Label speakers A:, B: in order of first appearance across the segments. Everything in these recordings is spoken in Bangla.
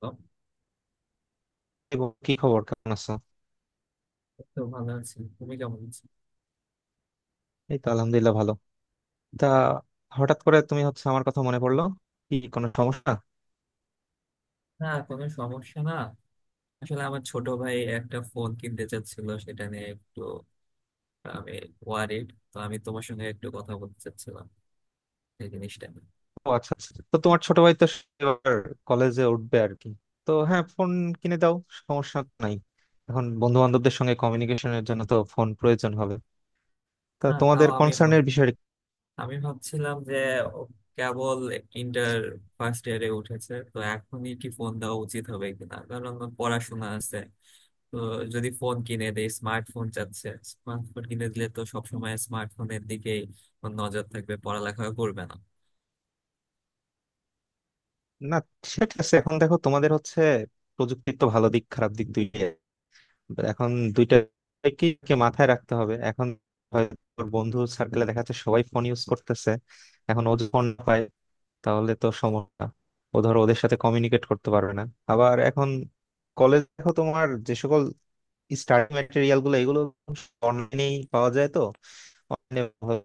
A: তো
B: এবং কি খবর, কেমন আছো?
A: তো ভালো আছি, তুমি কেমন আছো?
B: এই তো আলহামদুলিল্লাহ, ভালো। তা, হঠাৎ করে তুমি, হচ্ছে, আমার কথা মনে পড়লো? কি, কোনো সমস্যা?
A: না, কোনো সমস্যা না। আসলে আমার ছোট ভাই একটা ফোন কিনতে চাচ্ছিল, সেটা নিয়ে একটু আমি ওয়ারিড, তো আমি তোমার সঙ্গে একটু কথা বলতে চাচ্ছিলাম এই জিনিসটা নিয়ে।
B: ও আচ্ছা আচ্ছা। তো তোমার ছোট ভাই তো এবার কলেজে উঠবে আর কি। তো হ্যাঁ, ফোন কিনে দাও, সমস্যা নাই। এখন বন্ধু বান্ধবদের সঙ্গে কমিউনিকেশনের জন্য তো ফোন প্রয়োজন হবে। তা
A: না, তাও
B: তোমাদের
A: আমি
B: কনসার্নের বিষয়।
A: আমি ভাবছিলাম যে ও কেবল ইন্টার ফার্স্ট ইয়ারে উঠেছে, তো এখনই কি ফোন দেওয়া উচিত হবে কিনা, কারণ ওর পড়াশোনা আছে। তো যদি ফোন কিনে দেয়, স্মার্টফোন চাচ্ছে। স্মার্টফোন কিনে দিলে তো সবসময় স্মার্টফোনের দিকেই ওর নজর থাকবে, পড়ালেখা করবে না।
B: না, সেটা ঠিক আছে। এখন দেখো, তোমাদের হচ্ছে প্রযুক্তির তো ভালো দিক খারাপ দিক দুই, but এখন দুইটা কি কি মাথায় রাখতে হবে। এখন হয়তো তোর বন্ধু সার্কেলে দেখা যাচ্ছে সবাই ফোন ইউজ করতেছে, এখন ও যদি ফোন না পায় তাহলে তো সমস্যা। ও ধরো ওদের সাথে কমিউনিকেট করতে পারবে না। আবার এখন কলেজ দেখো, তোমার যে সকল স্টাডি ম্যাটেরিয়াল গুলো, এগুলো অনলাইনেই পাওয়া যায়। তো অনলাইনে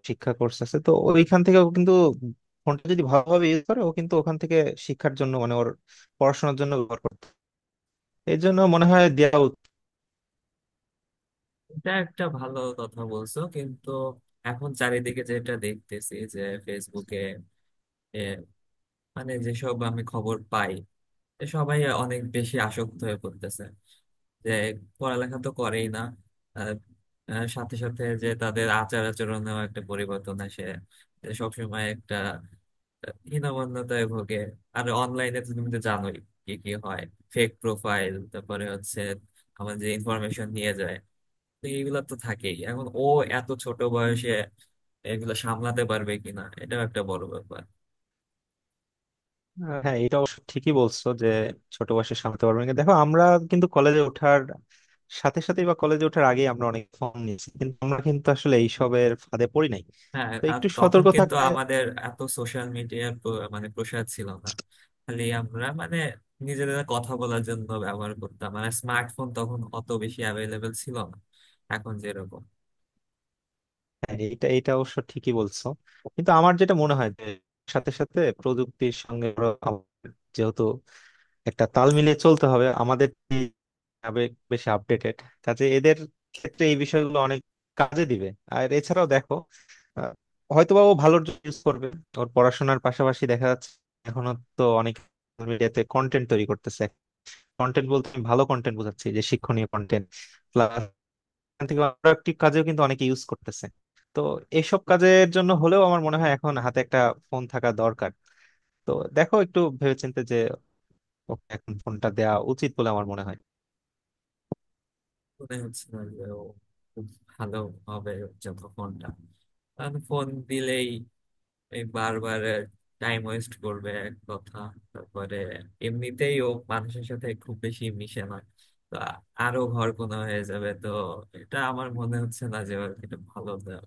B: শিক্ষা কোর্স আছে তো, ওইখান থেকে ও কিন্তু ফোনটা যদি ভালোভাবে ইউজ করে ও কিন্তু ওখান থেকে শিক্ষার জন্য মানে ওর পড়াশোনার জন্য ব্যবহার করতে, এই জন্য মনে হয় দেওয়া উচিত।
A: এটা একটা ভালো কথা বলছো, কিন্তু এখন চারিদিকে যেটা দেখতেছি যে ফেসবুকে এ, মানে যেসব আমি খবর পাই, এ সবাই অনেক বেশি আসক্ত হয়ে পড়তেছে, যে পড়ালেখা তো করেই না। আহ, সাথে সাথে যে তাদের আচার আচরণেও একটা পরিবর্তন আসে, যে সবসময় একটা হীনমন্যতায় ভোগে। আর অনলাইনে তো তুমি তো জানোই কি কি হয়। ফেক প্রোফাইল, তারপরে হচ্ছে আমার যে ইনফরমেশন নিয়ে যায়, তো এইগুলা তো থাকেই। এখন ও এত ছোট বয়সে এগুলো সামলাতে পারবে কিনা, এটাও একটা বড় ব্যাপার।
B: হ্যাঁ এটা অবশ্য ঠিকই বলছো যে ছোট বয়সে সামলাতে পারবো না, দেখো আমরা কিন্তু কলেজে ওঠার সাথে সাথে বা কলেজে ওঠার আগে আমরা অনেক ফর্ম নিয়েছি কিন্তু আমরা কিন্তু আসলে এইসবের ফাঁদে পড়ি নাই।
A: হ্যাঁ,
B: তো
A: আর
B: একটু
A: তখন
B: সতর্ক
A: কিন্তু
B: থাকলে।
A: আমাদের এত সোশ্যাল মিডিয়ার মানে প্রসার ছিল না। খালি আমরা মানে নিজেদের কথা বলার জন্য ব্যবহার করতাম। মানে স্মার্টফোন তখন অত বেশি অ্যাভেলেবেল ছিল না, এখন যেরকম।
B: হ্যাঁ এটা এটা অবশ্য ঠিকই বলছো, কিন্তু আমার যেটা মনে হয় যে সাথে সাথে প্রযুক্তির সঙ্গে আরো যেহেতু একটা তাল মিলিয়ে চলতে হবে, আমাদের যে আবেগ বেশি আপডেটেড কাজে এদের ক্ষেত্রে এই বিষয়গুলো অনেক কাজে দিবে। আর এছাড়াও দেখো, আহ, হয়তোবা ও ভালোর জন্য ইউজ করবে। ওর পড়াশোনার পাশাপাশি দেখা যাচ্ছে এখনো তো অনেক মিডিয়াতে কন্টেন্ট তৈরি করতেছে। কন্টেন্ট বলতে আমি ভালো কন্টেন্ট বোঝাচ্ছি, যে শিক্ষণীয় কন্টেন্ট, প্লাস থেকে প্রোডাক্টিভ কাজেও কিন্তু অনেকে ইউজ করতেছে। তো এইসব কাজের জন্য হলেও আমার মনে হয় এখন হাতে একটা ফোন থাকা দরকার। তো দেখো একটু ভেবেচিন্তে, যে ওকে এখন ফোনটা দেওয়া উচিত বলে আমার মনে হয়।
A: মনে হচ্ছে না যে ও খুব ভালো হবে যত ফোনটা, কারণ ফোন দিলেই এই বারবার টাইম ওয়েস্ট করবে, এক কথা। তারপরে এমনিতেই ও মানুষের সাথে খুব বেশি মিশে না, তো আরো ঘরকোনা হয়ে যাবে। তো এটা আমার মনে হচ্ছে না যে ওর এটা ভালো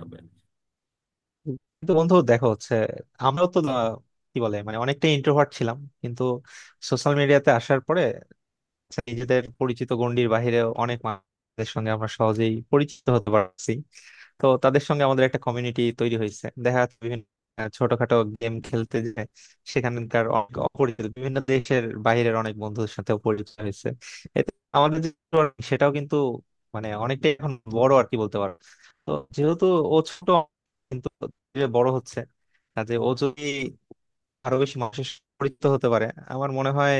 A: হবে।
B: কিন্তু বন্ধু দেখো, হচ্ছে আমরাও তো কি বলে, মানে অনেকটা ইন্ট্রোভার্ট ছিলাম, কিন্তু সোশ্যাল মিডিয়াতে আসার পরে নিজেদের পরিচিত গণ্ডির বাইরে অনেক মানুষের সঙ্গে আমরা সহজেই পরিচিত হতে পারছি। তো তাদের সঙ্গে আমাদের একটা কমিউনিটি তৈরি হয়েছে, দেখা যাচ্ছে বিভিন্ন ছোটখাটো গেম খেলতে যে সেখানকার অনেক অপরিচিত বিভিন্ন দেশের বাইরের অনেক বন্ধুদের সাথে পরিচয় হয়েছে। এতে আমাদের যে network, সেটাও কিন্তু মানে অনেকটাই এখন বড়, আর কি বলতে পারো। তো যেহেতু ও ছোট কিন্তু যে বড় হচ্ছে, কাজে ও যদি আরো বেশি মানুষের সাথে পরিচিত হতে পারে, আমার মনে হয়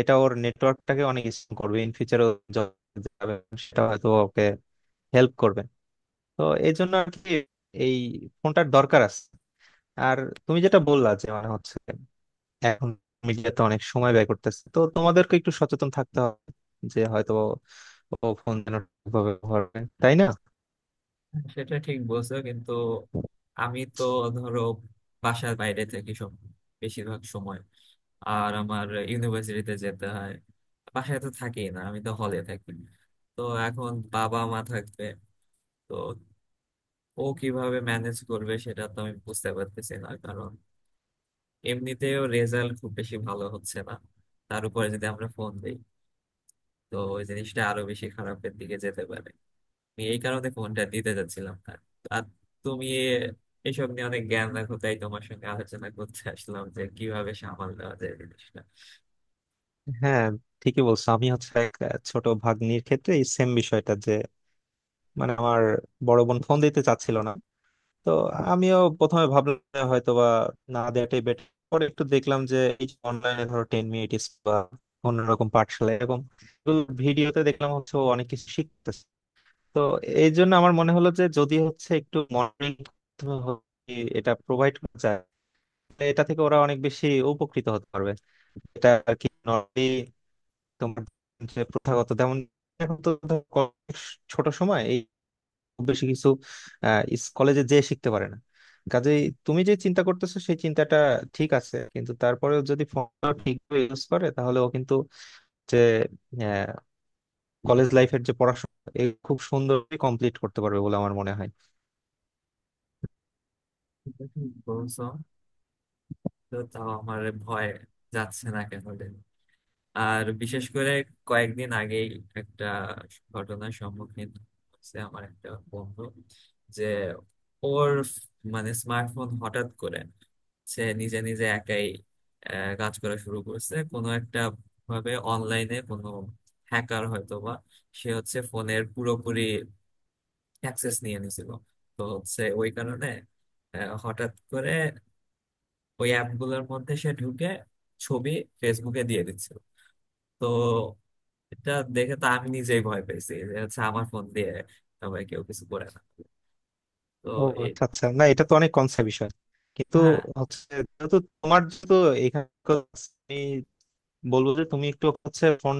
B: এটা ওর নেটওয়ার্কটাকে অনেক strong করবে, ইন ফিউচারও সেটা হয়তো ওকে হেল্প করবে। তো এই জন্য আর কি এই ফোনটার দরকার আছে। আর তুমি যেটা বললা যে মানে হচ্ছে এখন মিডিয়াতে অনেক সময় ব্যয় করতেছে, তো তোমাদেরকে একটু সচেতন থাকতে হবে, যে হয়তো ও ফোন যেন ঠিকভাবে ব্যবহার করে, তাই না?
A: সেটা ঠিক বলছো, কিন্তু আমি তো ধরো বাসার বাইরে থাকি, সব বেশিরভাগ সময় আর আমার ইউনিভার্সিটিতে যেতে হয়। বাসায় তো থাকি না, আমি তো হলে থাকি। তো এখন বাবা মা থাকবে, তো ও কিভাবে ম্যানেজ করবে সেটা তো আমি বুঝতে পারতেছি না, কারণ এমনিতেও রেজাল্ট খুব বেশি ভালো হচ্ছে না। তার উপরে যদি আমরা ফোন দিই, তো ওই জিনিসটা আরো বেশি খারাপের দিকে যেতে পারে। আমি এই কারণে ফোনটা দিতে যাচ্ছিলাম না। আর তুমি এ- এসব নিয়ে অনেক জ্ঞান রাখো, তাই তোমার সঙ্গে আলোচনা করতে আসলাম যে কিভাবে সামাল দেওয়া যায় জিনিসটা।
B: হ্যাঁ ঠিকই বলছো, আমি হচ্ছে এক ছোট ভাগ্নির ক্ষেত্রে এই সেম বিষয়টা, যে মানে আমার বড় বোন ফোন দিতে চাচ্ছিল না। তো আমিও প্রথমে ভাবলাম হয়তো বা না দেওয়াটাই বেটার, পরে একটু দেখলাম যে এই অনলাইনে ধরো টেন মিনিটস বা অন্যরকম পাঠশালা, এরকম ভিডিওতে দেখলাম হচ্ছে ও অনেক কিছু শিখতেছে। তো এই জন্য আমার মনে হলো যে যদি হচ্ছে একটু মনিটরিং, এটা প্রোভাইড করা যায়, তাহলে এটা থেকে ওরা অনেক বেশি উপকৃত হতে পারবে। এটা আর কি নর্মালি তোমার যে প্রথাগত, যেমন এখন তো ধরো ছোট সময় এই খুব বেশি কিছু কলেজে যেয়ে শিখতে পারে না। কাজেই তুমি যে চিন্তা করতেছো সেই চিন্তাটা ঠিক আছে, কিন্তু তারপরেও যদি ফোনটা ঠিকভাবে ইউজ করে তাহলে ও কিন্তু যে কলেজ লাইফের যে পড়াশোনা এ খুব সুন্দরভাবে কমপ্লিট করতে পারবে বলে আমার মনে হয়।
A: এটা ঠিক বলছো, তো তাও আমার ভয় যাচ্ছে না কেন রে। আর বিশেষ করে কয়েকদিন আগেই একটা ঘটনার সম্মুখীন হচ্ছে, আমার একটা বন্ধু, যে ওর মানে স্মার্টফোন হঠাৎ করে সে নিজে নিজে একাই কাজ করা শুরু করছে। কোনো একটা ভাবে অনলাইনে কোনো হ্যাকার হয়তো বা, সে হচ্ছে ফোনের পুরোপুরি অ্যাক্সেস নিয়ে নিছিল। তো হচ্ছে ওই কারণে হঠাৎ করে ওই অ্যাপগুলোর মধ্যে সে ঢুকে ছবি ফেসবুকে দিয়ে দিচ্ছিল। তো এটা দেখে তো আমি নিজেই ভয় পেয়েছি, যে হচ্ছে আমার ফোন দিয়ে সবাই, কেউ কিছু করে না। তো
B: ও
A: এ-,
B: আচ্ছা আচ্ছা, না এটা তো অনেক কনসেপ্ট বিষয়, কিন্তু
A: হ্যাঁ,
B: হচ্ছে যেহেতু তোমার, যেহেতু এখানে, আমি বলবো যে তুমি একটু হচ্ছে ফোন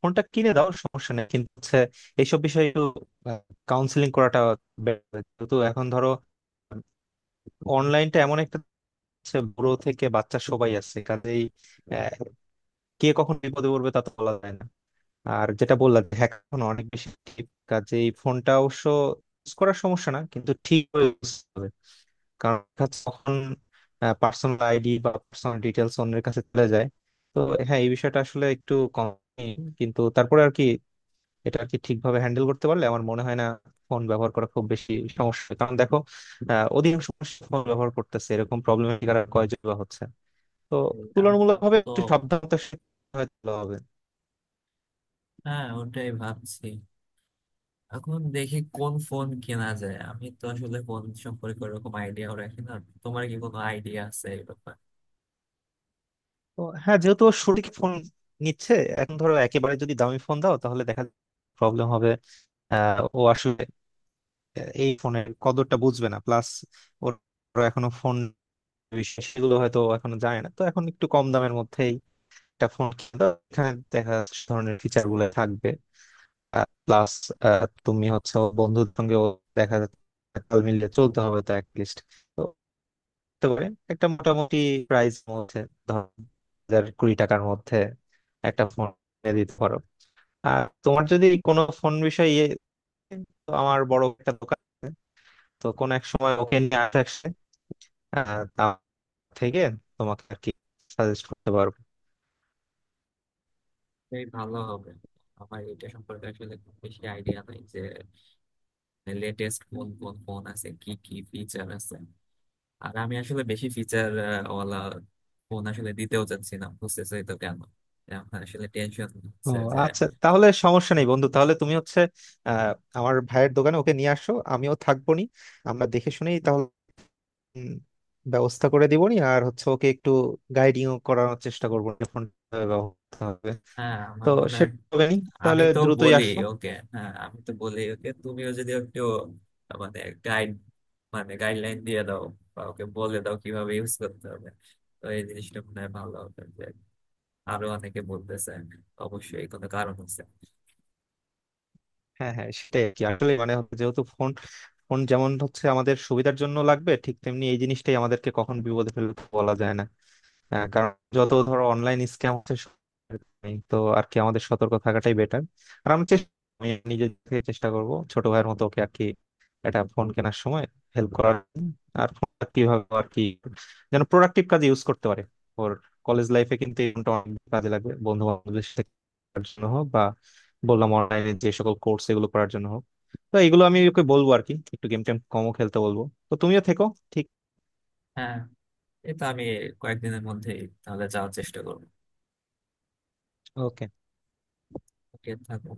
B: ফোনটা কিনে দাও, সমস্যা নেই, কিন্তু হচ্ছে এইসব বিষয়ে একটু কাউন্সিলিং করাটা better হবে। যেহেতু এখন ধরো অনলাইনটা এমন একটা হচ্ছে, বুড়ো থেকে বাচ্চা সবাই আছে, কাজেই আহ, কে কখন বিপদে পড়বে তা তো বলা যায় না। আর যেটা বললাম, হ্যাক এখন অনেক বেশি active, কাজেই ফোনটা অবশ্য ইউজ করার সমস্যা না, কিন্তু ঠিক ইউজ হবে, কারণ দেখা যাচ্ছে তখন পার্সোনাল আইডি বা পার্সোনাল ডিটেলস অন্যের কাছে চলে যায়। তো হ্যাঁ, এই বিষয়টা আসলে একটু কম, কিন্তু তারপরে আর কি এটা আর কি ঠিকভাবে হ্যান্ডেল করতে পারলে আমার মনে হয় না ফোন ব্যবহার করা খুব বেশি সমস্যা, কারণ দেখো অধিকাংশ ফোন ব্যবহার করতেছে এরকম প্রবলেমের শিকার আর কয়জন বা হচ্ছে। তো
A: এই নামটা,
B: তুলনামূলকভাবে
A: তো
B: একটু সাবধানতার সাথে হয়তো হবে।
A: হ্যাঁ, ওটাই ভাবছি। এখন দেখি কোন ফোন কেনা যায়, আমি তো আসলে ফোন সম্পর্কে ওরকম আইডিয়াও রাখি না। তোমার কি কোনো আইডিয়া আছে এই ব্যাপারে?
B: তো হ্যাঁ, যেহেতু ও সঠিক ফোন নিচ্ছে, এখন ধরো একেবারে যদি দামি ফোন দাও তাহলে দেখা প্রবলেম হবে, ও আসলে এই ফোনের কদরটা বুঝবে না। প্লাস ওর ওর এখনো ফোন বিষয় সেগুলো হয়তো ও এখনো জানে না, তো এখন একটু কম দামের মধ্যেই একটা ফোন কিনবা, এখানে দেখা যাচ্ছে সে ধরনের ফিচার গুলো থাকবে। প্লাস তুমি হচ্ছে বন্ধুর সঙ্গে দেখা যাচ্ছে তাল মিলিয়ে চলতে হবে, তো অ্যাটলিস্ট, তো হতে পারে একটা মোটামুটি প্রাইস মধ্যে, ধর হাজার কুড়ি টাকার মধ্যে একটা ফোন কিনে দিতে পারো। আর তোমার যদি কোনো ফোন বিষয়ে ইয়ে, তো আমার বড় একটা দোকান আছে, তো কোন এক সময় ওকে নিয়ে আসে, তা থেকে তোমাকে আর কি সাজেস্ট করতে পারবো।
A: এই ভালো হবে। আমার এটা সম্পর্কে আসলে খুব বেশি আইডিয়া নাই, যে লেটেস্ট কোন কোন ফোন আছে, কি কি ফিচার আছে। আর আমি আসলে বেশি ফিচার ওয়ালা ফোন আসলে দিতেও চাচ্ছি না, বুঝতেছি তো কেন। আমার আসলে টেনশন
B: ও
A: হচ্ছে যে
B: আচ্ছা, তাহলে সমস্যা নেই বন্ধু, তাহলে তুমি হচ্ছে আহ আমার ভাইয়ের দোকানে ওকে নিয়ে আসো, আমিও থাকবো নি, আমরা দেখে শুনেই তাহলে উম, ব্যবস্থা করে দিব নি। আর হচ্ছে ওকে একটু গাইডিং করানোর চেষ্টা করবো, ফোন ব্যবস্থা হবে।
A: হ্যাঁ,
B: তো
A: আমার মনে হয়।
B: সেটা হবে নি,
A: আমি
B: তাহলে
A: তো
B: দ্রুতই
A: বলি
B: আসো।
A: ওকে, হ্যাঁ, আমি তো বলি ওকে, তুমিও যদি একটু মানে গাইড, মানে গাইডলাইন দিয়ে দাও, বা ওকে বলে দাও কিভাবে ইউজ করতে হবে। তো এই জিনিসটা মনে হয় ভালো হবে, যে আরো অনেকে বলতেছে অবশ্যই কোনো কারণ আছে।
B: হ্যাঁ, হ্যাঁ, সেটাই আর কি, আসলে মানে হচ্ছে যেহেতু ফোন ফোন যেমন হচ্ছে আমাদের সুবিধার জন্য লাগবে, ঠিক তেমনি এই জিনিসটাই আমাদেরকে কখন বিপদে ফেলতে বলা যায় না। হ্যাঁ, কারণ যত ধরো অনলাইন স্ক্যাম হচ্ছে সব নেই। তো আর কি আমাদের সতর্ক থাকাটাই বেটার। আর আমি নিজে থেকে চেষ্টা করব ছোট ভাইয়ের মতো ওকে আর কি, এটা ফোন কেনার সময় হেল্প করার জন্য। আর ফোনটা কিভাবে আর কি যেন প্রোডাক্টিভ কাজে ইউজ করতে পারে। ওর কলেজ লাইফে কিন্তু এই ফোনটা অনেক কাজে লাগবে, বন্ধু বান্ধবদের সাথে করার জন্য হোক, বা বললাম অনলাইনে যে সকল কোর্স এগুলো করার জন্য হোক। তো এগুলো আমি ওকে বলবো আর কি, একটু গেম টেম কমও খেলতে বলবো। তো তুমিও থেকো। ঠিক
A: হ্যাঁ, এটা আমি কয়েকদিনের মধ্যেই তাহলে যাওয়ার চেষ্টা করবো।
B: ওকে।
A: ওকে, থাকো।